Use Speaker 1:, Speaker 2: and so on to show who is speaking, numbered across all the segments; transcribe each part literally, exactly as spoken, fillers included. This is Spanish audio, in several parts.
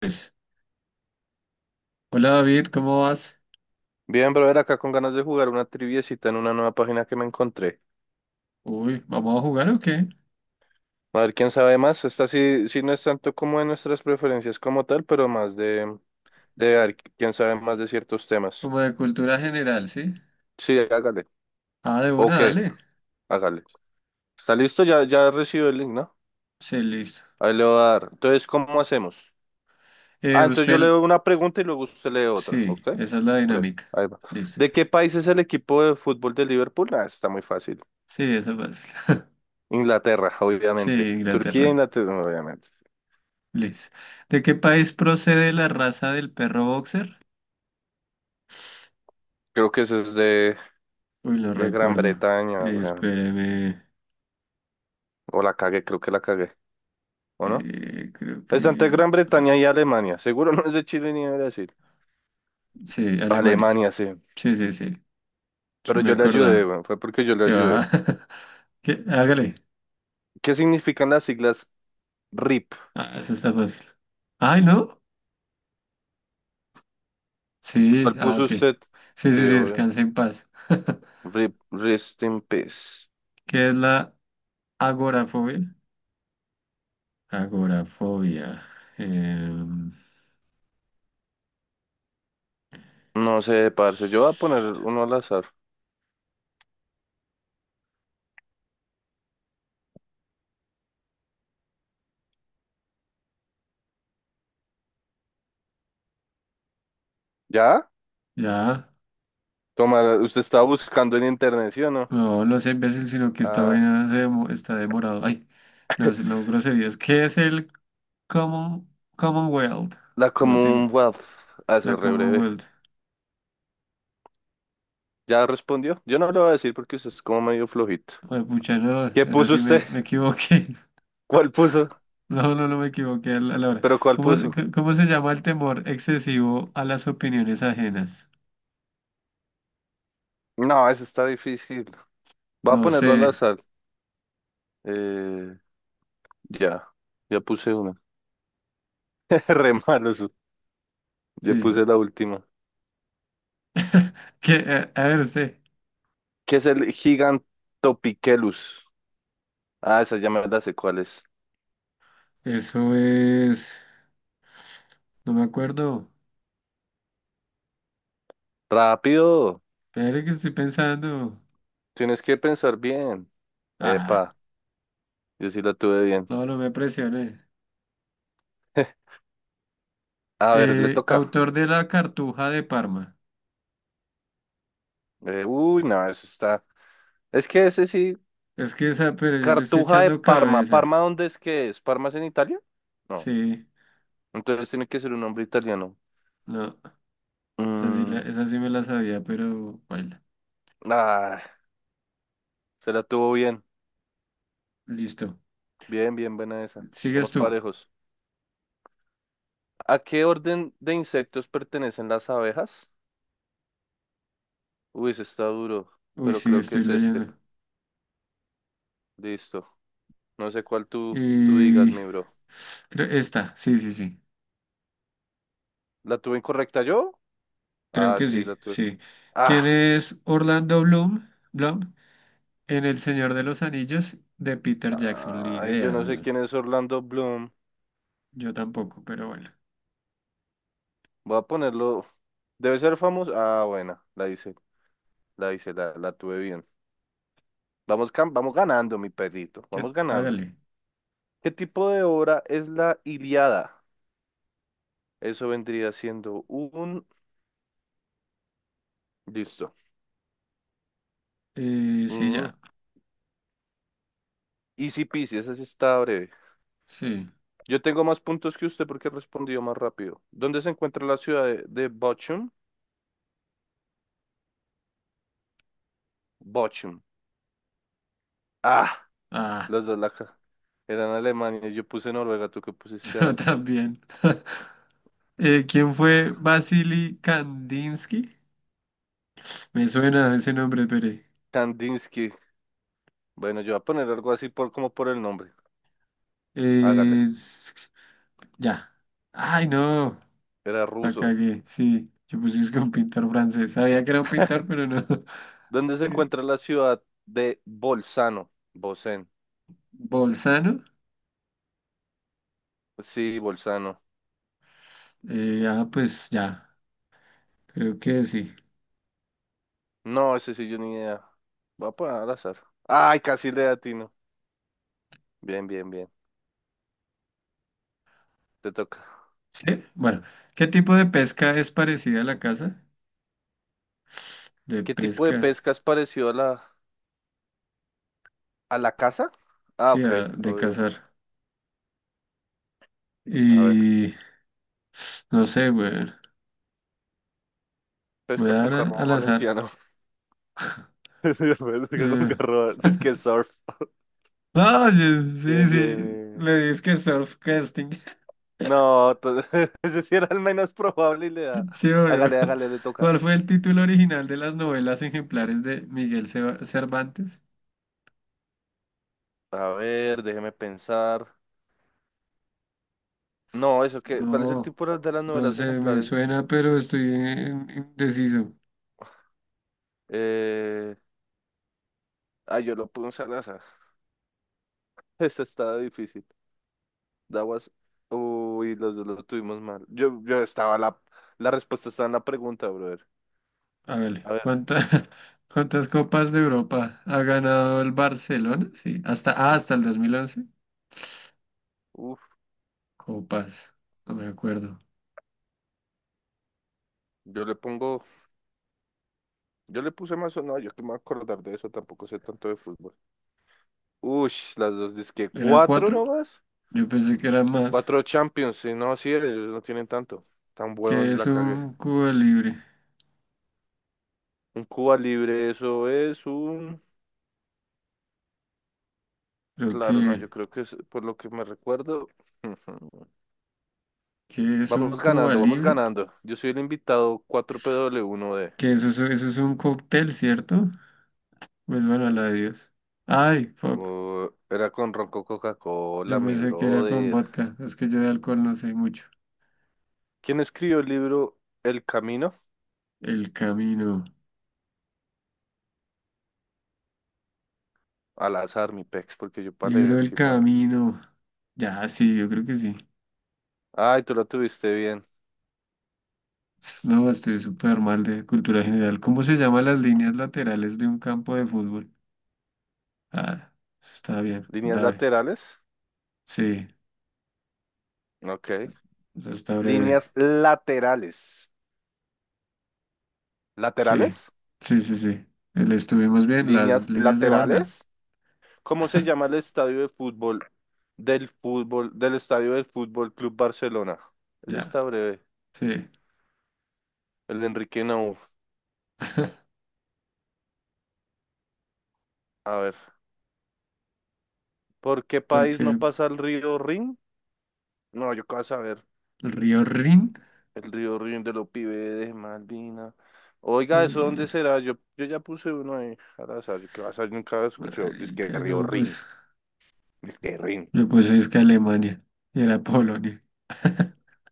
Speaker 1: Pues, hola David, ¿cómo vas?
Speaker 2: Bien, brother, acá con ganas de jugar una triviecita en una nueva página que me encontré.
Speaker 1: Uy, ¿vamos a jugar o qué?
Speaker 2: A ver quién sabe más. Esta sí, sí no es tanto como de nuestras preferencias como tal, pero más de, de a ver quién sabe más de ciertos temas.
Speaker 1: Como de cultura general, ¿sí?
Speaker 2: Sí, hágale.
Speaker 1: Ah, de una,
Speaker 2: Ok,
Speaker 1: dale.
Speaker 2: hágale. ¿Está listo? Ya, ya recibió el link, ¿no?
Speaker 1: Sí, listo.
Speaker 2: Ahí le voy a dar. Entonces, ¿cómo hacemos?
Speaker 1: Eh,
Speaker 2: Ah, entonces yo
Speaker 1: usted,
Speaker 2: leo una pregunta y luego usted lee otra,
Speaker 1: sí,
Speaker 2: ¿ok?
Speaker 1: esa es la
Speaker 2: Breve,
Speaker 1: dinámica.
Speaker 2: ahí va.
Speaker 1: Listo.
Speaker 2: ¿De qué país es el equipo de fútbol de Liverpool? Ah, está muy fácil.
Speaker 1: Sí, esa es fácil.
Speaker 2: Inglaterra,
Speaker 1: Sí,
Speaker 2: obviamente. Turquía,
Speaker 1: Inglaterra.
Speaker 2: Inglaterra, obviamente.
Speaker 1: Listo. ¿De qué país procede la raza del perro boxer?
Speaker 2: Creo que ese es de,
Speaker 1: Uy, no
Speaker 2: de Gran
Speaker 1: recuerdo.
Speaker 2: Bretaña,
Speaker 1: Eh,
Speaker 2: weón.
Speaker 1: espéreme.
Speaker 2: O la cagué, creo que la cagué. ¿O no?
Speaker 1: Eh, creo
Speaker 2: Es entre
Speaker 1: que.
Speaker 2: Gran Bretaña y Alemania. Seguro no es de Chile ni de Brasil.
Speaker 1: Sí, Alemania.
Speaker 2: Alemania, sí.
Speaker 1: Sí, sí, sí. Sí,
Speaker 2: Pero
Speaker 1: me
Speaker 2: yo le ayudé,
Speaker 1: acordaba.
Speaker 2: weón. Fue porque yo le
Speaker 1: ¿Qué
Speaker 2: ayudé.
Speaker 1: va? ¿Qué? Hágale.
Speaker 2: ¿Qué significan las siglas R I P?
Speaker 1: Ah, eso está fácil. Ay, ¿no? Sí,
Speaker 2: ¿Cuál
Speaker 1: ah,
Speaker 2: puso
Speaker 1: ok.
Speaker 2: usted?
Speaker 1: Sí, sí,
Speaker 2: Sí,
Speaker 1: sí,
Speaker 2: obvio.
Speaker 1: descansa en paz.
Speaker 2: R I P, Rest in Peace.
Speaker 1: ¿Qué es la agorafobia? Agorafobia. em,
Speaker 2: No sé, parce. Yo voy a poner uno al azar. ¿Ya?
Speaker 1: ya,
Speaker 2: Toma, usted estaba buscando en internet, ¿sí o no?
Speaker 1: no, no sé, imbécil, sino que esta
Speaker 2: Ah,
Speaker 1: vaina se demo- está demorado. Ay, no, sé, no, groserías. ¿Qué es el common, Commonwealth?
Speaker 2: la
Speaker 1: No tengo.
Speaker 2: Commonwealth. Ah, eso
Speaker 1: La
Speaker 2: es re breve.
Speaker 1: Commonwealth.
Speaker 2: ¿Ya respondió? Yo no lo voy a decir porque usted es como medio flojito.
Speaker 1: Ay, pucha, no,
Speaker 2: ¿Qué
Speaker 1: esa
Speaker 2: puso
Speaker 1: sí
Speaker 2: usted?
Speaker 1: me, me equivoqué.
Speaker 2: ¿Cuál puso?
Speaker 1: No, no, no me equivoqué a la a la hora.
Speaker 2: ¿Pero cuál
Speaker 1: ¿Cómo,
Speaker 2: puso?
Speaker 1: c- cómo se llama el temor excesivo a las opiniones ajenas?
Speaker 2: No, eso está difícil. Va a
Speaker 1: No sé,
Speaker 2: ponerlo al azar. Eh, ya, ya puse una. Re malo eso. Ya
Speaker 1: sí.
Speaker 2: puse la última.
Speaker 1: ¿Qué? A, a ver, usted.
Speaker 2: ¿Qué es el Gigantopichelus? Ah, esa ya me la sé cuál es.
Speaker 1: Eso es. No me acuerdo.
Speaker 2: Rápido.
Speaker 1: Espere que estoy pensando.
Speaker 2: Tienes que pensar bien.
Speaker 1: Ah,
Speaker 2: Epa, yo sí la tuve bien.
Speaker 1: no, no me presioné.
Speaker 2: A ver, le
Speaker 1: Eh,
Speaker 2: toca.
Speaker 1: autor de La Cartuja de Parma.
Speaker 2: Eh, uy, no, eso está. Es que ese sí.
Speaker 1: Es que esa, pero yo le estoy
Speaker 2: Cartuja de
Speaker 1: echando
Speaker 2: Parma.
Speaker 1: cabeza.
Speaker 2: ¿Parma dónde es que es? ¿Parma es en Italia? No.
Speaker 1: Sí,
Speaker 2: Entonces tiene que ser un nombre italiano.
Speaker 1: no. Esa sí, la-
Speaker 2: Mm,
Speaker 1: esa sí me la sabía, pero baila.
Speaker 2: ah, se la tuvo bien.
Speaker 1: Listo.
Speaker 2: Bien, bien, buena esa.
Speaker 1: Sigues
Speaker 2: Vamos
Speaker 1: tú.
Speaker 2: parejos. ¿A qué orden de insectos pertenecen las abejas? Uy, ese está duro,
Speaker 1: Uy,
Speaker 2: pero
Speaker 1: sí,
Speaker 2: creo que
Speaker 1: estoy
Speaker 2: es este.
Speaker 1: leyendo.
Speaker 2: Listo. No sé cuál tú, tú digas,
Speaker 1: Y
Speaker 2: mi bro.
Speaker 1: cre- esta, sí, sí, sí.
Speaker 2: ¿La tuve incorrecta yo?
Speaker 1: Creo
Speaker 2: Ah,
Speaker 1: que
Speaker 2: sí,
Speaker 1: sí,
Speaker 2: la tuve.
Speaker 1: sí. ¿Quién
Speaker 2: Ah,
Speaker 1: es Orlando Bloom, Bloom en El Señor de los Anillos de Peter Jackson? Ni
Speaker 2: ay, yo
Speaker 1: idea,
Speaker 2: no sé
Speaker 1: güey.
Speaker 2: quién es Orlando Bloom.
Speaker 1: Yo tampoco, pero bueno.
Speaker 2: Voy a ponerlo. Debe ser famoso. Ah, bueno, la hice. La hice, la, la tuve bien. Vamos, cam- vamos ganando, mi perrito.
Speaker 1: ¿Qué?
Speaker 2: Vamos ganando.
Speaker 1: Hágale.
Speaker 2: ¿Qué tipo de obra es la Iliada? Eso vendría siendo un... Listo.
Speaker 1: Eh, sí,
Speaker 2: Mm.
Speaker 1: ya.
Speaker 2: Easy peasy, esa sí está breve.
Speaker 1: Sí.
Speaker 2: Yo tengo más puntos que usted porque respondió más rápido. ¿Dónde se encuentra la ciudad de, de Bochum? Bochum. Ah,
Speaker 1: Ah,
Speaker 2: los dos la... ca- Eran Alemania. Yo puse Noruega, tú que pusiste...
Speaker 1: yo
Speaker 2: ¿Ana?
Speaker 1: también. Eh, ¿quién fue Vasily Kandinsky? Me suena ese nombre, Pere.
Speaker 2: Kandinsky. Bueno, yo voy a poner algo así por, como por el nombre. Hágale.
Speaker 1: Eh, s- ya. Ay, no.
Speaker 2: Era
Speaker 1: La
Speaker 2: ruso.
Speaker 1: cagué, sí. Yo puse que un pintor francés. Sabía que era un pintor, pero no.
Speaker 2: ¿Dónde se encuentra la ciudad de Bolzano? Bolzano.
Speaker 1: Bolzano.
Speaker 2: Sí, Bolzano.
Speaker 1: Eh, ah, pues ya. Creo que sí.
Speaker 2: No, ese sí yo ni idea. Voy a poner al azar. Ay, casi le atino. Bien, bien, bien. Te toca.
Speaker 1: Sí. Bueno, ¿qué tipo de pesca es parecida a la caza? De
Speaker 2: ¿Qué tipo de
Speaker 1: pesca,
Speaker 2: pesca es parecido a la, a la caza? Ah,
Speaker 1: sí,
Speaker 2: ok,
Speaker 1: a- de
Speaker 2: obvio.
Speaker 1: cazar.
Speaker 2: A ver.
Speaker 1: Y no sé, güey. Voy a
Speaker 2: Pesca con
Speaker 1: dar a-
Speaker 2: carro
Speaker 1: al azar.
Speaker 2: valenciano. Pesca con
Speaker 1: Eh,
Speaker 2: carro. Es que surf.
Speaker 1: Ah, oye, sí,
Speaker 2: Bien, bien,
Speaker 1: sí.
Speaker 2: bien.
Speaker 1: Le dices que surf casting.
Speaker 2: No, to- ese sí era el menos probable y le da.
Speaker 1: Sí, obvio.
Speaker 2: Hágale, hágale, le toca.
Speaker 1: ¿Cuál fue el título original de las novelas ejemplares de Miguel Ceba- Cervantes?
Speaker 2: A ver, déjeme pensar. No, eso que, ¿cuál es el
Speaker 1: No,
Speaker 2: tipo de las
Speaker 1: no
Speaker 2: novelas
Speaker 1: sé, me
Speaker 2: ejemplares?
Speaker 1: suena, pero estoy en- indeciso.
Speaker 2: Eh, ah, yo lo puse al azar. Esta estaba difícil. That was- Uy, los dos lo tuvimos mal. Yo, yo estaba la, la respuesta estaba en la pregunta, brother.
Speaker 1: Hágale.
Speaker 2: A ver,
Speaker 1: ¿Cuánta- ¿cuántas copas de Europa ha ganado el Barcelona? Sí, hasta, ah, hasta el dos mil once.
Speaker 2: uf,
Speaker 1: Copas, no me acuerdo.
Speaker 2: yo le pongo, yo le puse más o no, yo que me voy a acordar de eso, tampoco sé tanto de fútbol. Ush, las dos, dizque
Speaker 1: ¿Era
Speaker 2: cuatro
Speaker 1: cuatro?
Speaker 2: nomás,
Speaker 1: Yo pensé que era más.
Speaker 2: cuatro Champions, sí, no, sí, ellos no tienen tanto, tan bueno,
Speaker 1: ¿Qué
Speaker 2: yo
Speaker 1: es
Speaker 2: la cagué.
Speaker 1: un Cuba Libre?
Speaker 2: Un Cuba libre, eso es un...
Speaker 1: Creo
Speaker 2: Claro, no,
Speaker 1: que,
Speaker 2: yo creo que es por lo que me recuerdo.
Speaker 1: ¿qué es un
Speaker 2: Vamos
Speaker 1: Cuba
Speaker 2: ganando, vamos
Speaker 1: Libre?
Speaker 2: ganando. Yo soy el invitado cuatro P W uno d.
Speaker 1: Que eso, es- eso es un cóctel, ¿cierto? Pues bueno, la de Dios. Ay, fuck.
Speaker 2: Uh, era con Ronco
Speaker 1: Yo
Speaker 2: Coca-Cola, mi
Speaker 1: pensé que era con
Speaker 2: brother.
Speaker 1: vodka. Es que yo de alcohol no sé mucho.
Speaker 2: ¿Quién escribió el libro El Camino?
Speaker 1: El camino.
Speaker 2: Al azar, mi pex, porque yo para
Speaker 1: Libro
Speaker 2: leer,
Speaker 1: del
Speaker 2: sí, malo.
Speaker 1: camino. Ya, sí, yo creo que sí.
Speaker 2: Ay, tú lo tuviste bien.
Speaker 1: No, estoy súper mal de cultura general. ¿Cómo se llaman las líneas laterales de un campo de fútbol? Ah, eso está bien,
Speaker 2: ¿Líneas
Speaker 1: breve.
Speaker 2: laterales?
Speaker 1: Sí,
Speaker 2: Ok.
Speaker 1: eso está breve.
Speaker 2: ¿Líneas laterales?
Speaker 1: Sí,
Speaker 2: ¿Laterales?
Speaker 1: sí, sí, sí. Le estuvimos bien, las
Speaker 2: ¿Líneas
Speaker 1: líneas de banda.
Speaker 2: laterales? ¿Cómo se llama el estadio de fútbol del fútbol del estadio del Fútbol Club Barcelona? Ese
Speaker 1: Ya,
Speaker 2: está breve.
Speaker 1: sí.
Speaker 2: El de Enrique Nauf. A ver. ¿Por qué país
Speaker 1: Porque
Speaker 2: no
Speaker 1: el
Speaker 2: pasa el río Rin? No, yo qué vas a ver.
Speaker 1: río Rin,
Speaker 2: El río Rin de los pibes de Malvina. Oiga, ¿eso dónde
Speaker 1: eh,
Speaker 2: será? Yo, yo ya puse uno ahí al azar. Yo ¿qué vas a ver? Nunca lo escuché. Dice que
Speaker 1: marica,
Speaker 2: río
Speaker 1: no,
Speaker 2: Rin.
Speaker 1: pues,
Speaker 2: Dice que Rin.
Speaker 1: yo pues es que Alemania y era Polonia.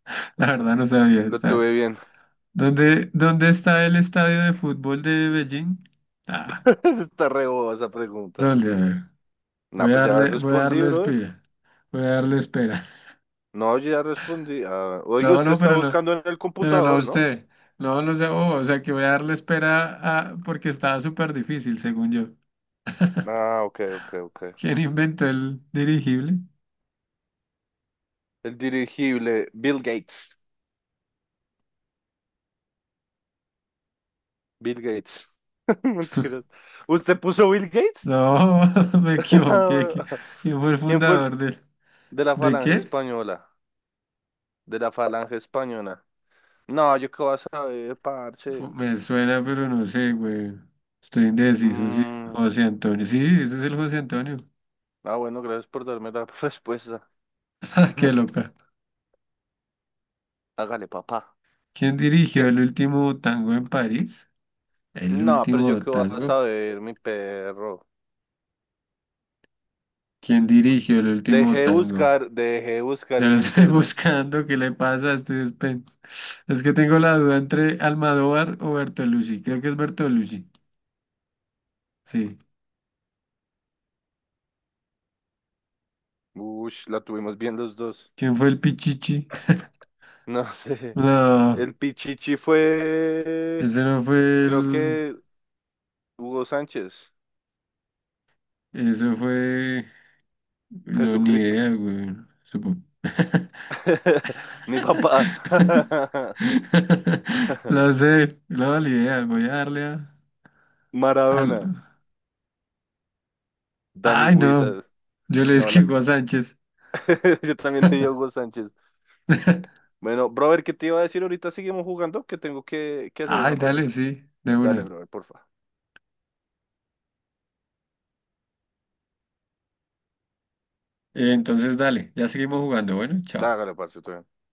Speaker 1: La verdad no sabía,
Speaker 2: Lo
Speaker 1: está.
Speaker 2: tuve bien.
Speaker 1: ¿Dónde, dónde está el estadio de fútbol de Beijing? Ah,
Speaker 2: Está re boba esa pregunta.
Speaker 1: ¿dónde? A ver,
Speaker 2: Nah,
Speaker 1: Voy a
Speaker 2: pues ya
Speaker 1: darle, voy a
Speaker 2: respondí,
Speaker 1: darle
Speaker 2: bro.
Speaker 1: espera. Voy a darle espera.
Speaker 2: No, yo ya respondí. Ah, oiga,
Speaker 1: No,
Speaker 2: usted
Speaker 1: no,
Speaker 2: está
Speaker 1: pero no,
Speaker 2: buscando en el
Speaker 1: pero no a
Speaker 2: computador, ¿no?
Speaker 1: usted. No, no sé, oh, o sea que voy a darle espera a- porque estaba súper difícil, según yo.
Speaker 2: Ah, ok, ok, ok.
Speaker 1: ¿Quién inventó el dirigible?
Speaker 2: El dirigible, Bill Gates. Bill Gates. Mentiras. ¿Usted puso Bill Gates?
Speaker 1: No, me equivoqué. ¿Qui- ¿Quién fue el
Speaker 2: ¿Quién fue el
Speaker 1: fundador de,
Speaker 2: de la
Speaker 1: de
Speaker 2: falange
Speaker 1: qué?
Speaker 2: española? De la falange española. No, yo qué voy a saber,
Speaker 1: Fu-
Speaker 2: parche.
Speaker 1: Me suena, pero no sé, güey. Estoy indeciso, sí.
Speaker 2: Mm,
Speaker 1: José Antonio. Sí, ese es el José Antonio.
Speaker 2: ah, bueno, gracias por darme la respuesta.
Speaker 1: Qué loca.
Speaker 2: Hágale, papá.
Speaker 1: ¿Quién dirigió
Speaker 2: ¿Quién?
Speaker 1: el último tango en París? El
Speaker 2: No, pero yo
Speaker 1: último
Speaker 2: qué voy a
Speaker 1: tango.
Speaker 2: saber, mi perro.
Speaker 1: ¿Quién dirigió el
Speaker 2: Dejé
Speaker 1: último
Speaker 2: de
Speaker 1: tango?
Speaker 2: buscar, dejé de buscar
Speaker 1: Yo lo
Speaker 2: en
Speaker 1: estoy
Speaker 2: internet.
Speaker 1: buscando, ¿qué le pasa? Estoy despen- Es que tengo la duda entre Almodóvar o Bertolucci. Creo que es Bertolucci. Sí.
Speaker 2: Ush, la tuvimos bien los dos.
Speaker 1: ¿Quién fue el Pichichi?
Speaker 2: No sé.
Speaker 1: No,
Speaker 2: El Pichichi fue,
Speaker 1: ese no fue
Speaker 2: creo
Speaker 1: el.
Speaker 2: que Hugo Sánchez.
Speaker 1: Eso fue. No, ni
Speaker 2: Jesucristo.
Speaker 1: idea, güey. Supongo.
Speaker 2: Mi papá.
Speaker 1: Lo sé, no, ni idea. Voy a darle a. al-
Speaker 2: Maradona. Dani
Speaker 1: Ay, no.
Speaker 2: Guisas.
Speaker 1: Yo le
Speaker 2: No, la...
Speaker 1: esquivo
Speaker 2: que-
Speaker 1: a Sánchez.
Speaker 2: Yo también le di a Hugo Sánchez. Bueno, brother, ¿qué te iba a decir? Ahorita seguimos jugando, que tengo que, que hacer
Speaker 1: Ay,
Speaker 2: una
Speaker 1: dale,
Speaker 2: cosita.
Speaker 1: sí, de
Speaker 2: Dale,
Speaker 1: una.
Speaker 2: brother, porfa.
Speaker 1: Eh, Entonces, dale, ya seguimos jugando. Bueno, chao.
Speaker 2: Dágale, parce, todo bien.